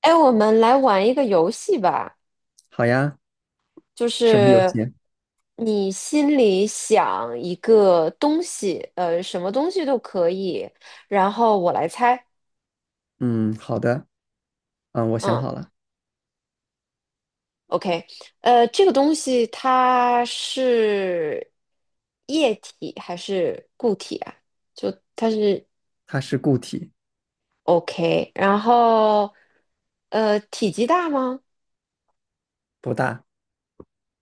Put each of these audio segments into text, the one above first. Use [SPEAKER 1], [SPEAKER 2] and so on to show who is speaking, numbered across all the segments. [SPEAKER 1] 哎，我们来玩一个游戏吧，
[SPEAKER 2] 好呀，
[SPEAKER 1] 就
[SPEAKER 2] 什么游
[SPEAKER 1] 是
[SPEAKER 2] 戏？
[SPEAKER 1] 你心里想一个东西，什么东西都可以，然后我来猜。
[SPEAKER 2] 嗯，好的。嗯，我想
[SPEAKER 1] 嗯
[SPEAKER 2] 好了。
[SPEAKER 1] ，OK，这个东西它是液体还是固体啊？就它是
[SPEAKER 2] 它是固体。
[SPEAKER 1] OK。然后体积大吗？
[SPEAKER 2] 不大。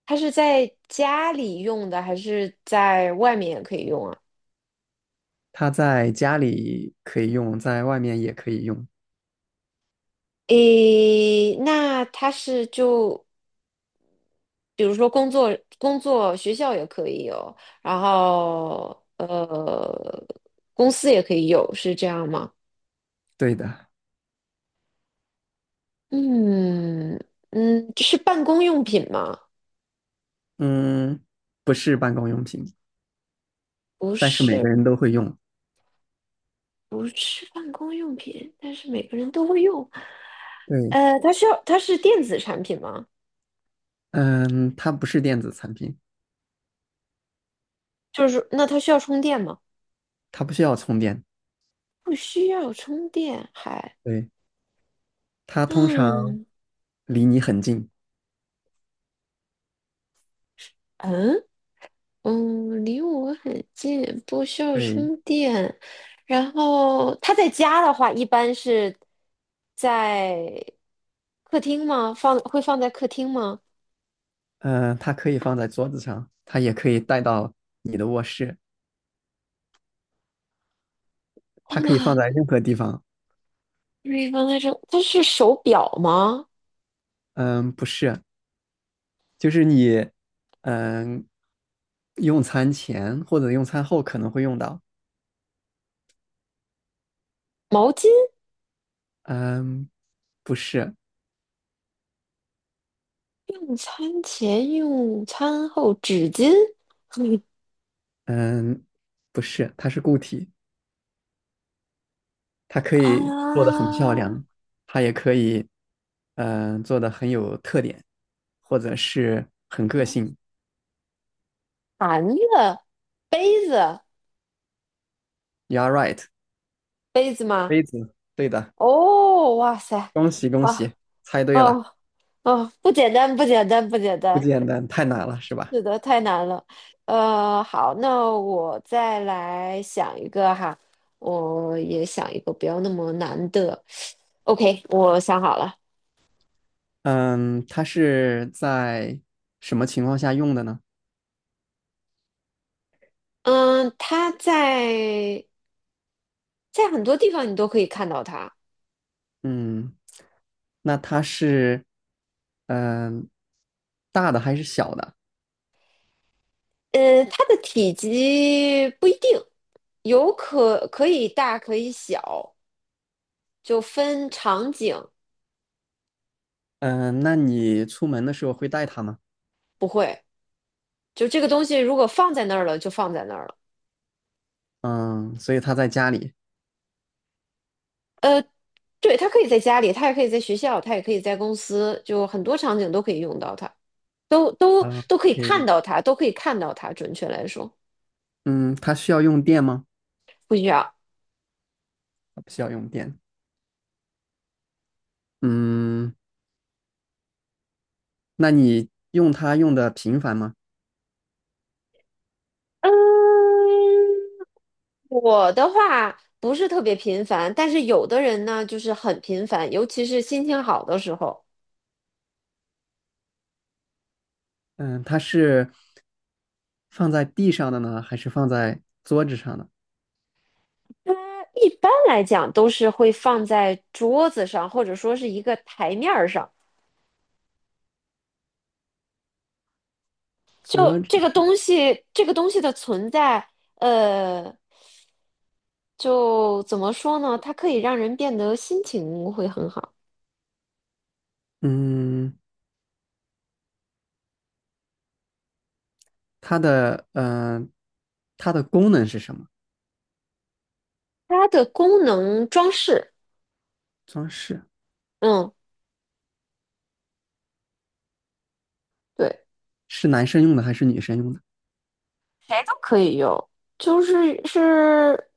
[SPEAKER 1] 它是在家里用的还是在外面也可以用啊？
[SPEAKER 2] 它在家里可以用，在外面也可以用。
[SPEAKER 1] 诶，那他是就比如说工作、学校也可以有，然后公司也可以有，是这样吗？
[SPEAKER 2] 对的。
[SPEAKER 1] 嗯嗯，是办公用品吗？
[SPEAKER 2] 嗯，不是办公用品，
[SPEAKER 1] 不
[SPEAKER 2] 但是每个
[SPEAKER 1] 是，
[SPEAKER 2] 人都会用。
[SPEAKER 1] 不是办公用品，但是每个人都会用。
[SPEAKER 2] 对。
[SPEAKER 1] 它需要，它是电子产品吗？
[SPEAKER 2] 嗯，它不是电子产品，
[SPEAKER 1] 就是那它需要充电吗？
[SPEAKER 2] 它不需要充电。
[SPEAKER 1] 不需要充电，还
[SPEAKER 2] 对，它通常
[SPEAKER 1] 嗯
[SPEAKER 2] 离你很近。
[SPEAKER 1] 嗯。嗯，离我很近，不需要
[SPEAKER 2] 对。
[SPEAKER 1] 充电。然后他在家的话，一般是在客厅吗？放，会放在客厅吗？
[SPEAKER 2] 嗯，它可以放在桌子上，它也可以带到你的卧室，它可以放
[SPEAKER 1] 啊，
[SPEAKER 2] 在任何地方。
[SPEAKER 1] 可以放在这。它是手表吗？
[SPEAKER 2] 嗯，不是，就是你，嗯，用餐前或者用餐后可能会用到。
[SPEAKER 1] 毛巾？
[SPEAKER 2] 嗯，不是。
[SPEAKER 1] 用餐前、用餐后纸巾？嗯
[SPEAKER 2] 嗯，不是，它是固体，它可
[SPEAKER 1] 啊，
[SPEAKER 2] 以做的很漂亮，它也可以，做的很有特点，或者是很个性。
[SPEAKER 1] 盘子、杯子、
[SPEAKER 2] You're a right，
[SPEAKER 1] 杯子吗？
[SPEAKER 2] 杯子，对的，
[SPEAKER 1] 哦，哇塞，
[SPEAKER 2] 恭喜恭喜，
[SPEAKER 1] 哇，
[SPEAKER 2] 猜对了。
[SPEAKER 1] 哦哦，不简单，不简单，不简
[SPEAKER 2] 不
[SPEAKER 1] 单，
[SPEAKER 2] 简单，太难了，是吧？
[SPEAKER 1] 是的，太难了。好，那我再来想一个哈，我也想一个不要那么难的。OK，我想好了。
[SPEAKER 2] 嗯，它是在什么情况下用的呢？
[SPEAKER 1] 嗯，它在在很多地方你都可以看到它。
[SPEAKER 2] 嗯，那它是嗯、大的还是小的？
[SPEAKER 1] 它的体积不一定，可以大可以小，就分场景。
[SPEAKER 2] 嗯、那你出门的时候会带它吗？
[SPEAKER 1] 不会，就这个东西如果放在那儿了，就放在那儿了。
[SPEAKER 2] 嗯，所以它在家里。
[SPEAKER 1] 呃对，他可以在家里，他也可以在学校，他也可以在公司，就很多场景都可以用到它，都都
[SPEAKER 2] o
[SPEAKER 1] 都可以看
[SPEAKER 2] k
[SPEAKER 1] 到它，都可以看到它。准确来说，
[SPEAKER 2] 嗯，它需要用电吗？
[SPEAKER 1] 不需要。
[SPEAKER 2] 它不需要用电。嗯，那你用它用的频繁吗？
[SPEAKER 1] 嗯，我的话不是特别频繁，但是有的人呢就是很频繁，尤其是心情好的时候。
[SPEAKER 2] 嗯，它是放在地上的呢，还是放在桌子上的？
[SPEAKER 1] 一般来讲都是会放在桌子上，或者说是一个台面儿上。
[SPEAKER 2] 桌
[SPEAKER 1] 就
[SPEAKER 2] 子。
[SPEAKER 1] 这个东西，这个东西的存在，呃。就怎么说呢？它可以让人变得心情会很好。
[SPEAKER 2] 嗯，它的它的功能是什么？
[SPEAKER 1] 它的功能装饰，
[SPEAKER 2] 装饰。
[SPEAKER 1] 嗯，对，
[SPEAKER 2] 是男生用的还是女生用的？
[SPEAKER 1] 谁都可以用，就是是，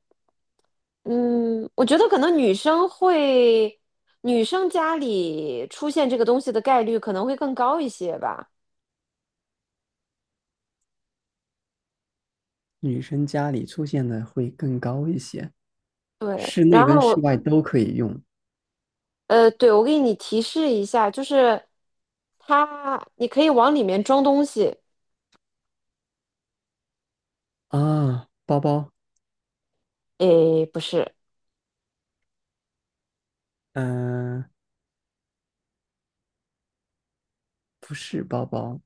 [SPEAKER 1] 嗯，我觉得可能女生会，女生家里出现这个东西的概率可能会更高一些吧。
[SPEAKER 2] 女生家里出现的会更高一些。
[SPEAKER 1] 对，
[SPEAKER 2] 室内
[SPEAKER 1] 然
[SPEAKER 2] 跟室
[SPEAKER 1] 后
[SPEAKER 2] 外都可以用
[SPEAKER 1] 对，我给你提示一下，就是它，你可以往里面装东西。
[SPEAKER 2] 啊。包包，
[SPEAKER 1] 诶，不是，
[SPEAKER 2] 嗯、不是包包，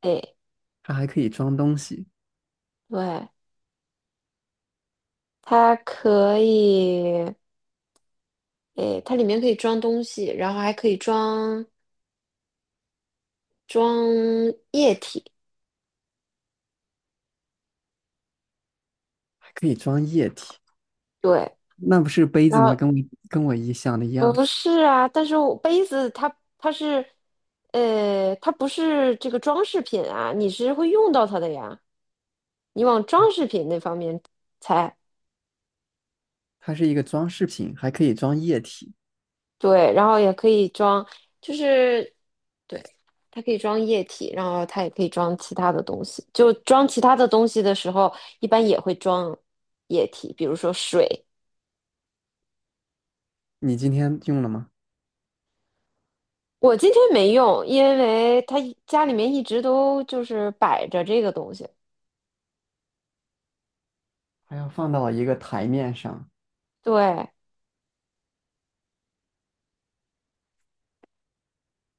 [SPEAKER 1] 诶，
[SPEAKER 2] 它还可以装东西，
[SPEAKER 1] 对。它可以，诶，它里面可以装东西，然后还可以装液体。
[SPEAKER 2] 还可以装液体。
[SPEAKER 1] 对，
[SPEAKER 2] 那不是杯子
[SPEAKER 1] 然
[SPEAKER 2] 吗？
[SPEAKER 1] 后
[SPEAKER 2] 跟我一想的一样。
[SPEAKER 1] 不是啊，但是我杯子它是，它不是这个装饰品啊，你是会用到它的呀。你往装饰品那方面猜。
[SPEAKER 2] 它是一个装饰品，还可以装液体。
[SPEAKER 1] 对，然后也可以装，就是对，它可以装液体，然后它也可以装其他的东西。就装其他的东西的时候，一般也会装液体，比如说水。
[SPEAKER 2] 你今天用了吗？
[SPEAKER 1] 我今天没用，因为它一家里面一直都就是摆着这个东西。
[SPEAKER 2] 还要放到一个台面上
[SPEAKER 1] 对，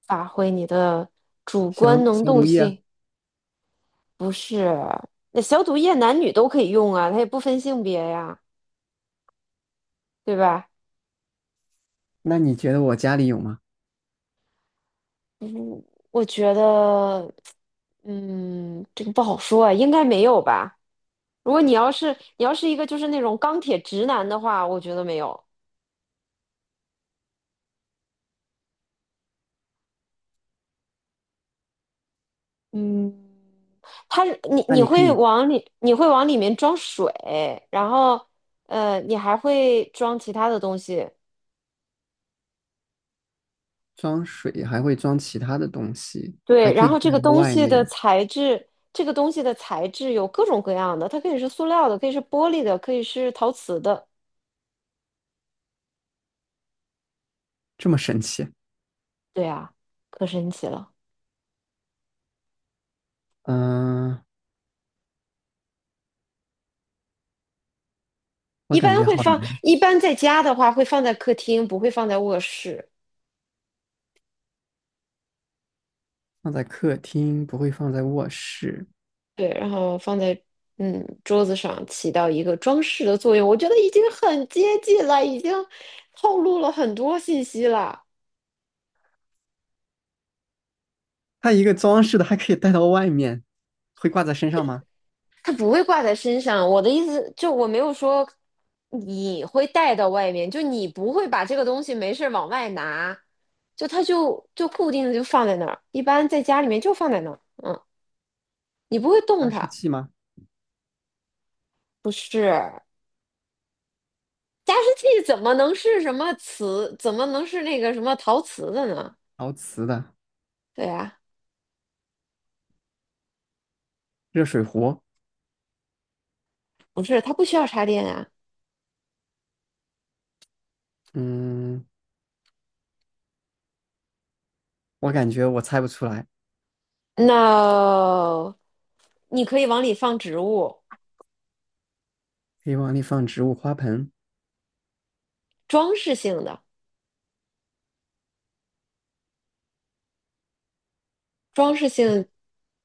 [SPEAKER 1] 发挥你的主观
[SPEAKER 2] 消
[SPEAKER 1] 能
[SPEAKER 2] 消
[SPEAKER 1] 动
[SPEAKER 2] 毒液。
[SPEAKER 1] 性，不是？那消毒液男女都可以用啊，它也不分性别呀，对吧？
[SPEAKER 2] 那你觉得我家里有吗？
[SPEAKER 1] 嗯，我觉得，嗯，这个不好说啊，应该没有吧。如果你要是一个就是那种钢铁直男的话，我觉得没有。嗯，他
[SPEAKER 2] 那你可以
[SPEAKER 1] 你会往里面装水，然后你还会装其他的东西，
[SPEAKER 2] 装水还会装其他的东西，还
[SPEAKER 1] 对，
[SPEAKER 2] 可
[SPEAKER 1] 然
[SPEAKER 2] 以
[SPEAKER 1] 后
[SPEAKER 2] 带到外面，
[SPEAKER 1] 这个东西的材质有各种各样的，它可以是塑料的，可以是玻璃的，可以是陶瓷的，
[SPEAKER 2] 这么神奇？
[SPEAKER 1] 对啊，可神奇了。
[SPEAKER 2] 嗯，我感觉好难。
[SPEAKER 1] 一般在家的话会放在客厅，不会放在卧室。
[SPEAKER 2] 放在客厅不会放在卧室。
[SPEAKER 1] 对，然后放在嗯桌子上，起到一个装饰的作用。我觉得已经很接近了，已经透露了很多信息了。
[SPEAKER 2] 它一个装饰的还可以带到外面，会挂在身上吗？
[SPEAKER 1] 它不会挂在身上。我的意思就我没有说你会带到外面，就你不会把这个东西没事儿往外拿，就它就固定的就放在那儿。一般在家里面就放在那儿，嗯，你不会动
[SPEAKER 2] 加湿
[SPEAKER 1] 它。
[SPEAKER 2] 器吗？
[SPEAKER 1] 不是，加湿器怎么能是什么瓷？怎么能是那个什么陶瓷的呢？
[SPEAKER 2] 陶瓷的
[SPEAKER 1] 对啊，
[SPEAKER 2] 热水壶？
[SPEAKER 1] 不是，它不需要插电呀。
[SPEAKER 2] 嗯，我感觉我猜不出来。
[SPEAKER 1] No，你可以往里放植物，
[SPEAKER 2] 可以往里放植物花盆。
[SPEAKER 1] 装饰性的，装饰性，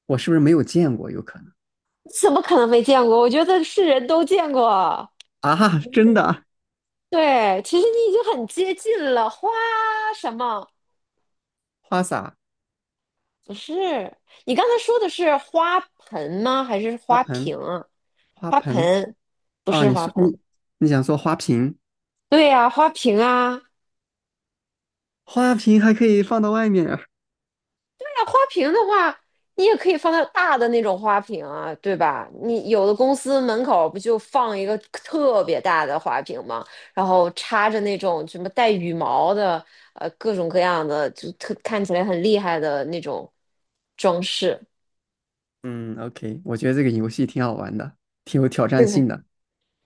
[SPEAKER 2] 我是不是没有见过？有可能
[SPEAKER 1] 怎么可能没见过？我觉得是人都见过。
[SPEAKER 2] 啊，真的啊？
[SPEAKER 1] 对，其实你已经很接近了。花什么？
[SPEAKER 2] 花洒、
[SPEAKER 1] 不是，你刚才说的是花盆吗？还是
[SPEAKER 2] 花
[SPEAKER 1] 花
[SPEAKER 2] 盆、
[SPEAKER 1] 瓶啊
[SPEAKER 2] 花
[SPEAKER 1] 花
[SPEAKER 2] 盆
[SPEAKER 1] 盆，不
[SPEAKER 2] 啊？
[SPEAKER 1] 是
[SPEAKER 2] 你
[SPEAKER 1] 花
[SPEAKER 2] 说
[SPEAKER 1] 盆。
[SPEAKER 2] 你想说花瓶？
[SPEAKER 1] 对呀、花瓶啊，
[SPEAKER 2] 花瓶还可以放到外面啊。
[SPEAKER 1] 大花瓶的话，你也可以放在大的那种花瓶啊，对吧？你有的公司门口不就放一个特别大的花瓶吗？然后插着那种什么带羽毛的，各种各样的，就特看起来很厉害的那种装饰，
[SPEAKER 2] 嗯，OK，我觉得这个游戏挺好玩的，挺有挑
[SPEAKER 1] 是
[SPEAKER 2] 战
[SPEAKER 1] 不是？
[SPEAKER 2] 性的。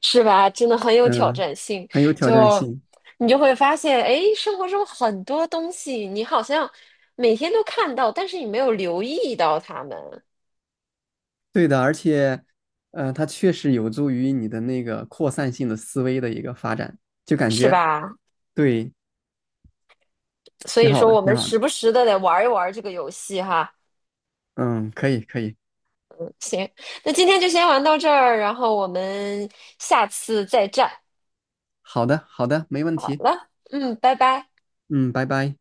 [SPEAKER 1] 是吧？真的很有挑
[SPEAKER 2] 嗯，
[SPEAKER 1] 战性，
[SPEAKER 2] 很有挑战
[SPEAKER 1] 就
[SPEAKER 2] 性。
[SPEAKER 1] 你就会发现，哎，生活中很多东西你好像每天都看到，但是你没有留意到它们，
[SPEAKER 2] 对的，而且，它确实有助于你的那个扩散性的思维的一个发展，就感
[SPEAKER 1] 是
[SPEAKER 2] 觉，
[SPEAKER 1] 吧？
[SPEAKER 2] 对，
[SPEAKER 1] 所
[SPEAKER 2] 挺
[SPEAKER 1] 以
[SPEAKER 2] 好
[SPEAKER 1] 说
[SPEAKER 2] 的，
[SPEAKER 1] 我
[SPEAKER 2] 挺
[SPEAKER 1] 们
[SPEAKER 2] 好的。
[SPEAKER 1] 时不时的得玩一玩这个游戏哈。
[SPEAKER 2] 嗯，可以，可以。
[SPEAKER 1] 行，那今天就先玩到这儿，然后我们下次再战。
[SPEAKER 2] 好的，好的，没问
[SPEAKER 1] 好
[SPEAKER 2] 题。
[SPEAKER 1] 了，嗯，拜拜。
[SPEAKER 2] 嗯，拜拜。